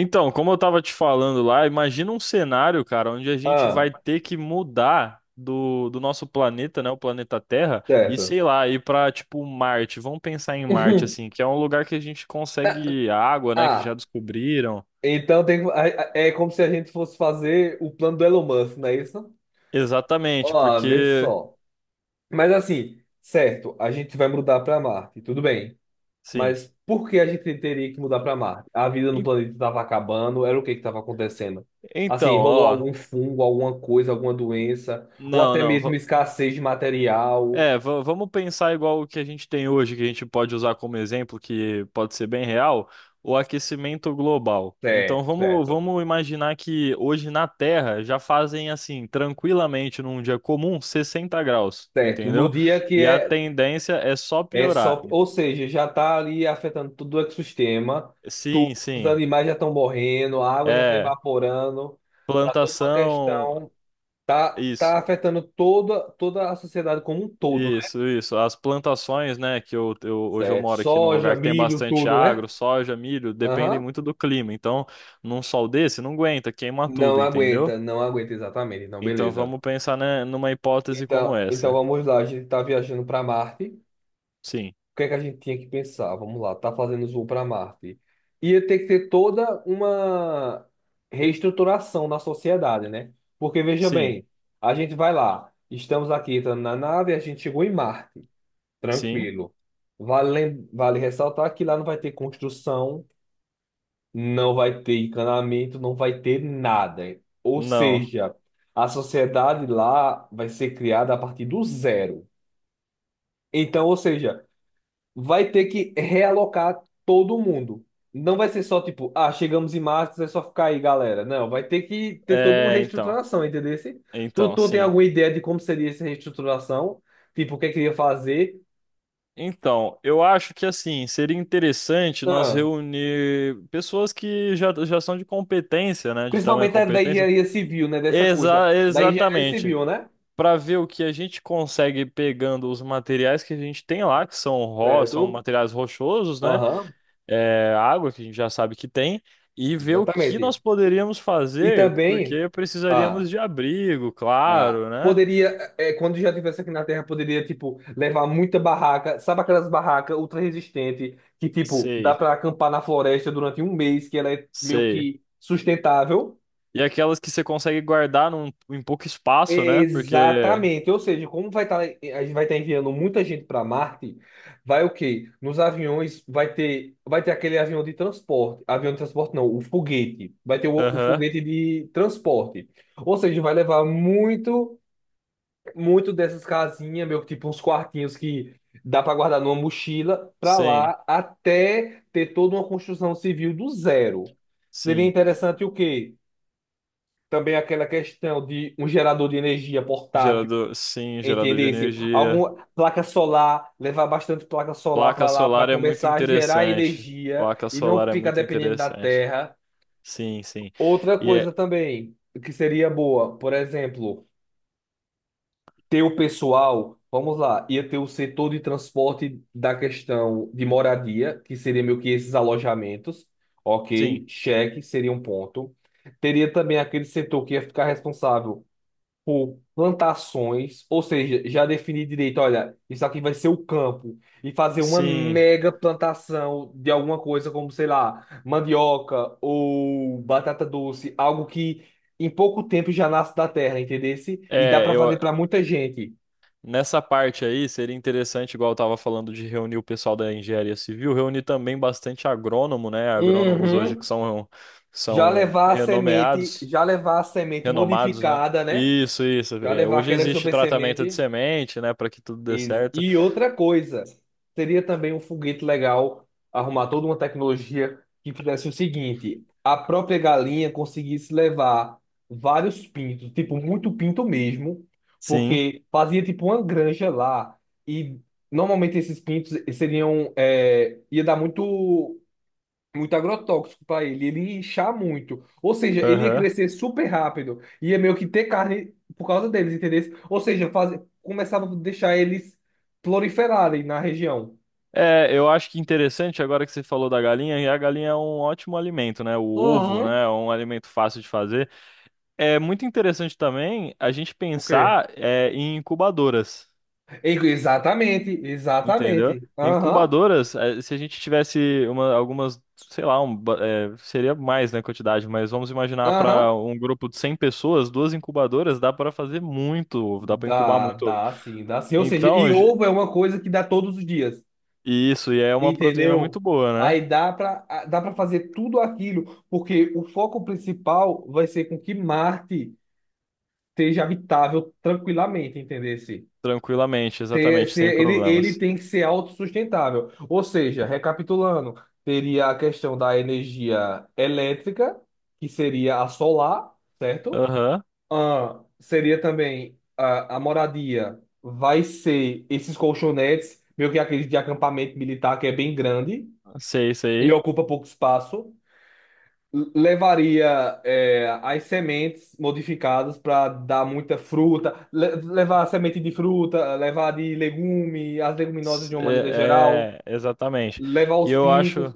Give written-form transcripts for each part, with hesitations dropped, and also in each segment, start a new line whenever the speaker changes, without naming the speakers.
Então, como eu tava te falando lá, imagina um cenário, cara, onde a gente
Ah,
vai ter que mudar do nosso planeta, né, o planeta Terra, e
certo.
sei lá, ir pra, tipo, Marte. Vamos pensar em Marte, assim, que é um lugar que a gente consegue água, né, que já
Ah,
descobriram.
então tem, é como se a gente fosse fazer o plano do Elon Musk, não é isso?
Exatamente,
Ó, vê
porque,
só. Mas assim, certo, a gente vai mudar para Marte, tudo bem.
sim.
Mas por que a gente teria que mudar para Marte? A vida no
En-
planeta estava acabando, era o que que estava acontecendo?
Então,
Assim, rolou
ó,
algum fungo, alguma coisa, alguma doença, ou
não,
até
não.
mesmo escassez de material.
É, vamos pensar igual o que a gente tem hoje, que a gente pode usar como exemplo, que pode ser bem real, o aquecimento global. Então
Certo,
vamos,
certo.
vamos imaginar que hoje na Terra já fazem assim, tranquilamente, num dia comum, 60 graus,
Certo. No
entendeu?
dia que
E a
é
tendência é só
é
piorar.
só, ou seja, já está ali afetando todo o ecossistema, tudo,
Sim,
os
sim.
animais já estão morrendo, a água já está
É,
evaporando, tá toda uma
plantação,
questão, tá
isso.
afetando toda a sociedade como um todo, né?
Isso, isso. As plantações, né, que hoje eu
Certo,
moro aqui num
soja,
lugar que tem
milho,
bastante
tudo, né?
agro, soja, milho, dependem
Aham.
muito do clima. Então, num sol desse, não aguenta, queima
Não
tudo, entendeu?
aguenta, não aguenta exatamente, não,
Então,
beleza.
vamos pensar, né, numa hipótese como
Então
essa.
vamos lá, a gente está viajando para Marte.
Sim,
O que é que a gente tinha que pensar? Vamos lá, tá fazendo voo para Marte. Ia ter que ter toda uma reestruturação na sociedade, né? Porque veja
sim,
bem, a gente vai lá, estamos aqui entrando na nave, a gente chegou em Marte,
sim,
tranquilo. Vale, vale ressaltar que lá não vai ter construção, não vai ter encanamento, não vai ter nada. Ou
não.
seja, a sociedade lá vai ser criada a partir do zero. Então, ou seja, vai ter que realocar todo mundo. Não vai ser só tipo, ah, chegamos em março, é só ficar aí, galera. Não, vai ter que ter toda uma
É, então,
reestruturação, entendeu? Tu,
então,
tu tem
sim.
alguma ideia de como seria essa reestruturação? Tipo, o que é que ia fazer?
Então, eu acho que assim, seria interessante nós
Ah,
reunir pessoas que já são de competência, né, de tamanha
principalmente da
competência.
engenharia civil, né? Dessa coisa. Da engenharia
Exatamente.
civil, né?
Para ver o que a gente consegue pegando os materiais que a gente tem lá, que são são
Certo?
materiais rochosos, né?
Aham,
É, água que a gente já sabe que tem, e ver o que
exatamente.
nós poderíamos
E
fazer,
também.
porque precisaríamos
Ah.
de abrigo,
Ah,
claro, né?
poderia, é, quando já tivesse aqui na Terra, poderia, tipo, levar muita barraca. Sabe aquelas barracas ultra resistentes que, tipo, dá
Sei,
pra acampar na floresta durante um mês, que ela é meio
sei.
que sustentável?
E aquelas que você consegue guardar num, em pouco espaço, né? Porque,
Exatamente. Ou seja, como vai estar, a gente vai estar enviando muita gente para Marte, vai o quê? Nos aviões vai ter aquele avião de transporte. Avião de transporte não, o foguete. Vai ter o
aham,
foguete de transporte. Ou seja, vai levar muito. Muito dessas casinhas, meio tipo uns quartinhos que dá para guardar numa mochila, para
sim,
lá até ter toda uma construção civil do zero. Seria
sim.
interessante o quê? Também aquela questão de um gerador de energia portátil,
Gerador, sim, gerador de
entendesse?
energia.
Alguma placa solar, levar bastante placa solar
Placa
para lá para
solar é muito
começar a gerar
interessante.
energia
Placa
e não
solar é
ficar
muito
dependendo da
interessante.
terra.
Sim, sim.
Outra
E
coisa
é,
também que seria boa, por exemplo, ter o pessoal, vamos lá, ia ter o setor de transporte da questão de moradia, que seria meio que esses alojamentos, ok?
sim,
Cheque seria um ponto. Teria também aquele setor que ia ficar responsável por plantações, ou seja, já definir direito, olha, isso aqui vai ser o campo, e fazer uma
sim.
mega plantação de alguma coisa, como, sei lá, mandioca ou batata doce, algo que em pouco tempo já nasce da terra, entendesse? E dá
É,
para
eu
fazer para muita gente.
nessa parte aí seria interessante, igual eu tava falando de reunir o pessoal da engenharia civil, reunir também bastante agrônomo, né? Agrônomos hoje que
Uhum.
são
Já
são
levar a semente,
renomeados,
já levar a semente
renomados, né?
modificada, né?
Isso, isso.
Já
É,
levar
hoje
aquela
existe
super
tratamento de
semente.
semente, né, para que tudo dê
E,
certo.
e outra coisa, seria também um foguete legal arrumar toda uma tecnologia que fizesse o seguinte: a própria galinha conseguisse levar vários pintos, tipo, muito pinto mesmo,
Sim.
porque fazia tipo uma granja lá. E normalmente esses pintos seriam, é, ia dar muito. Muito agrotóxico para ele, ele ia inchar muito. Ou seja, ele ia
Aham.
crescer super rápido, ia meio que ter carne por causa deles, entendeu? Ou seja, faz... começava a deixar eles proliferarem na região.
É, eu acho que interessante agora que você falou da galinha, e a galinha é um ótimo alimento, né? O ovo,
Uhum.
né, é um alimento fácil de fazer. É muito interessante também a gente
O quê?
pensar é, em incubadoras,
Exatamente,
entendeu?
exatamente. Aham,
Incubadoras, é, se a gente tivesse uma, algumas, sei lá, é, seria mais, né, quantidade, mas vamos imaginar para
aham.
um grupo de 100 pessoas, duas incubadoras, dá para fazer muito ovo, dá para incubar
Dá,
muito ovo.
dá sim, dá sim. Ou seja, e
Então,
ovo é uma coisa que dá todos os dias,
isso, e é uma proteína
entendeu?
muito boa, né?
Aí dá pra fazer tudo aquilo, porque o foco principal vai ser com que Marte seja habitável tranquilamente, entendesse?
Tranquilamente,
Ter,
exatamente,
se
sem
ele, ele
problemas.
tem que ser autossustentável. Ou seja, recapitulando, teria a questão da energia elétrica, que seria a solar, certo?
Aham,
Ah, seria também a moradia, vai ser esses colchonetes, meio que aqueles de acampamento militar que é bem grande
sei,
e
sei.
ocupa pouco espaço. Levaria é, as sementes modificadas para dar muita fruta, levar semente de fruta, levar de legume, as leguminosas de uma maneira geral,
É, é, exatamente.
levar
E
os
eu
pintos,
acho.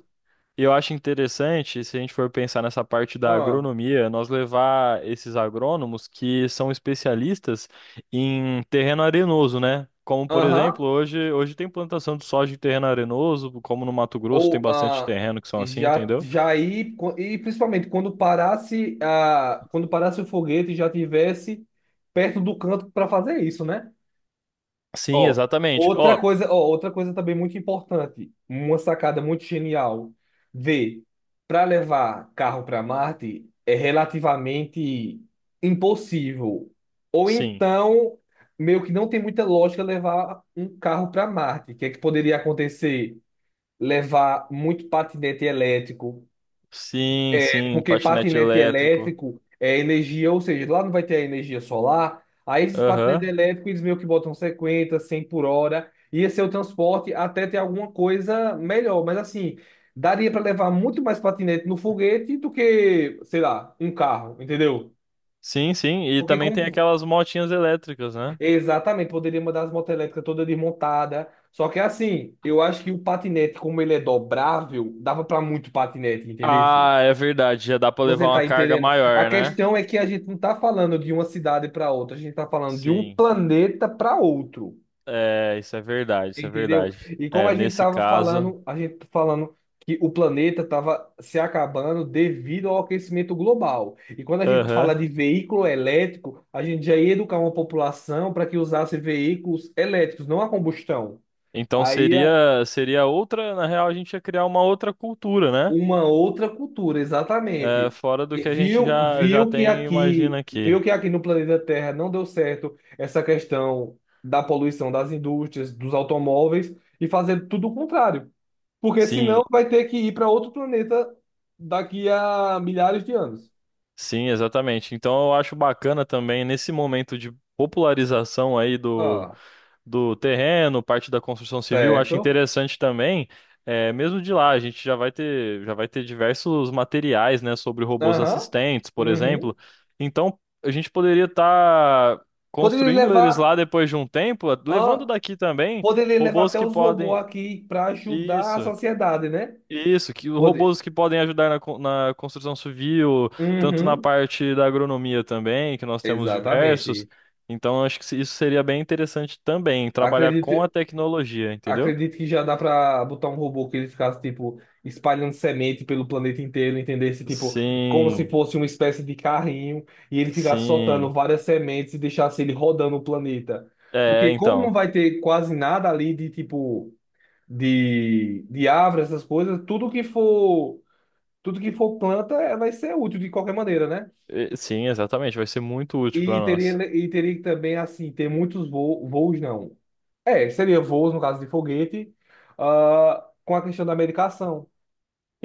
E eu acho interessante, se a gente for pensar nessa parte da
ah,
agronomia, nós levar esses agrônomos que são especialistas em terreno arenoso, né? Como, por
aham,
exemplo, hoje tem plantação de soja em terreno arenoso, como no Mato Grosso tem
ou
bastante
ah,
terreno que são assim,
já
entendeu?
já e principalmente quando parasse a quando parasse o foguete já tivesse perto do canto para fazer isso, né?
Sim,
Ó,
exatamente. Ó,
ó, outra coisa também muito importante, uma sacada muito genial de para levar carro para Marte é relativamente impossível. Ou
sim.
então, meio que não tem muita lógica levar um carro para Marte. O que é que poderia acontecer? Levar muito patinete elétrico,
Sim, sim,
porque
patinete
patinete
elétrico.
elétrico é energia, ou seja, lá não vai ter energia solar. Aí esses patinetes
Aham.
elétricos, eles meio que botam 50, 100 por hora. Ia ser o transporte até ter alguma coisa melhor. Mas assim, daria para levar muito mais patinete no foguete do que, sei lá, um carro, entendeu?
Sim, sim. E
Porque
também tem
como...
aquelas motinhas elétricas, né?
Exatamente, poderia mandar as motos elétricas toda desmontada. Só que assim, eu acho que o patinete, como ele é dobrável, dava para muito patinete, entendeu?
Ah, é verdade. Já dá pra
Você
levar uma
está
carga
entendendo? A
maior, né?
questão é que a gente não está falando de uma cidade para outra, a gente está falando de um
Sim.
planeta para outro,
É, isso é verdade, isso é
entendeu?
verdade.
E como
É,
a gente
nesse
estava
caso,
falando, a gente tá falando que o planeta estava se acabando devido ao aquecimento global. E quando a gente fala
aham.
de veículo elétrico, a gente já ia educar uma população para que usasse veículos elétricos, não a combustão.
Então
Aí
seria outra, na real a gente ia criar uma outra cultura, né?
uma outra cultura, exatamente.
É, fora do
E
que a gente
viu,
já tem, e imagina aqui.
viu que aqui no planeta Terra não deu certo essa questão da poluição das indústrias, dos automóveis e fazer tudo o contrário, porque
Sim,
senão vai ter que ir para outro planeta daqui a milhares de anos.
sim, exatamente. Então eu acho bacana também nesse momento de popularização aí do
Ah,
do terreno, parte da construção civil, eu acho
certo.
interessante também. É, mesmo de lá, a gente já vai ter diversos materiais, né, sobre robôs
Aham.
assistentes, por
Uhum.
exemplo. Então, a gente poderia estar
Poderia
construindo eles
levar,
lá depois de um tempo, levando
ah,
daqui também
poderia levar
robôs
até
que
os robôs
podem.
aqui para ajudar a
Isso.
sociedade, né?
Isso, que os
Poder.
robôs que podem ajudar na, na construção civil, tanto na
Uhum.
parte da agronomia também, que nós temos diversos.
Exatamente.
Então, acho que isso seria bem interessante também, trabalhar com a
Acredito,
tecnologia, entendeu?
acredito que já dá pra botar um robô que ele ficasse, tipo, espalhando semente pelo planeta inteiro, entendesse, tipo, como se
Sim,
fosse uma espécie de carrinho e ele ficasse soltando
sim.
várias sementes e deixasse ele rodando o planeta.
É,
Porque como não
então.
vai ter quase nada ali de, tipo, de árvore, essas coisas, tudo que for planta eh, vai ser útil de qualquer maneira, né?
Sim, exatamente, vai ser muito útil para
E teria,
nós.
e teria que também, assim, ter muitos voos, voos não. É, seria voos, no caso de foguete, ah, com a questão da medicação.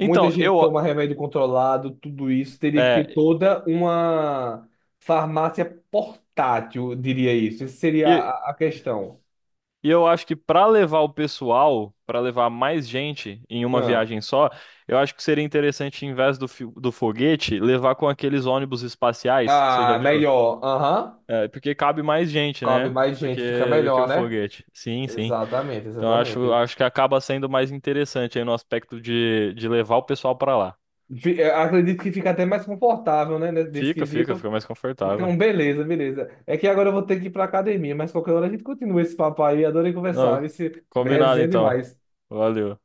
Muita
eu,
gente toma remédio controlado, tudo isso. Teria que ter
é,
toda uma farmácia portátil, eu diria isso. Essa seria a questão.
e eu acho que para levar o pessoal, para levar mais gente em uma
Ah,
viagem só, eu acho que seria interessante, em vez do foguete, levar com aqueles ônibus espaciais. Você já
ah,
viu?
melhor. Aham.
É, porque cabe mais gente,
Cabe
né?
mais gente, fica
Do que
melhor,
o
né?
foguete. Sim, sim.
Exatamente,
Então acho,
exatamente.
acho que acaba sendo mais interessante aí no aspecto de levar o pessoal para lá.
Acredito que fica até mais confortável, né, nesse nesse
Fica, fica,
quesito.
fica mais confortável.
Então, beleza, beleza. É que agora eu vou ter que ir pra academia, mas qualquer hora a gente continua esse papo aí. Adorei conversar,
Não,
esse
combinado
resenha é
então.
demais.
Valeu.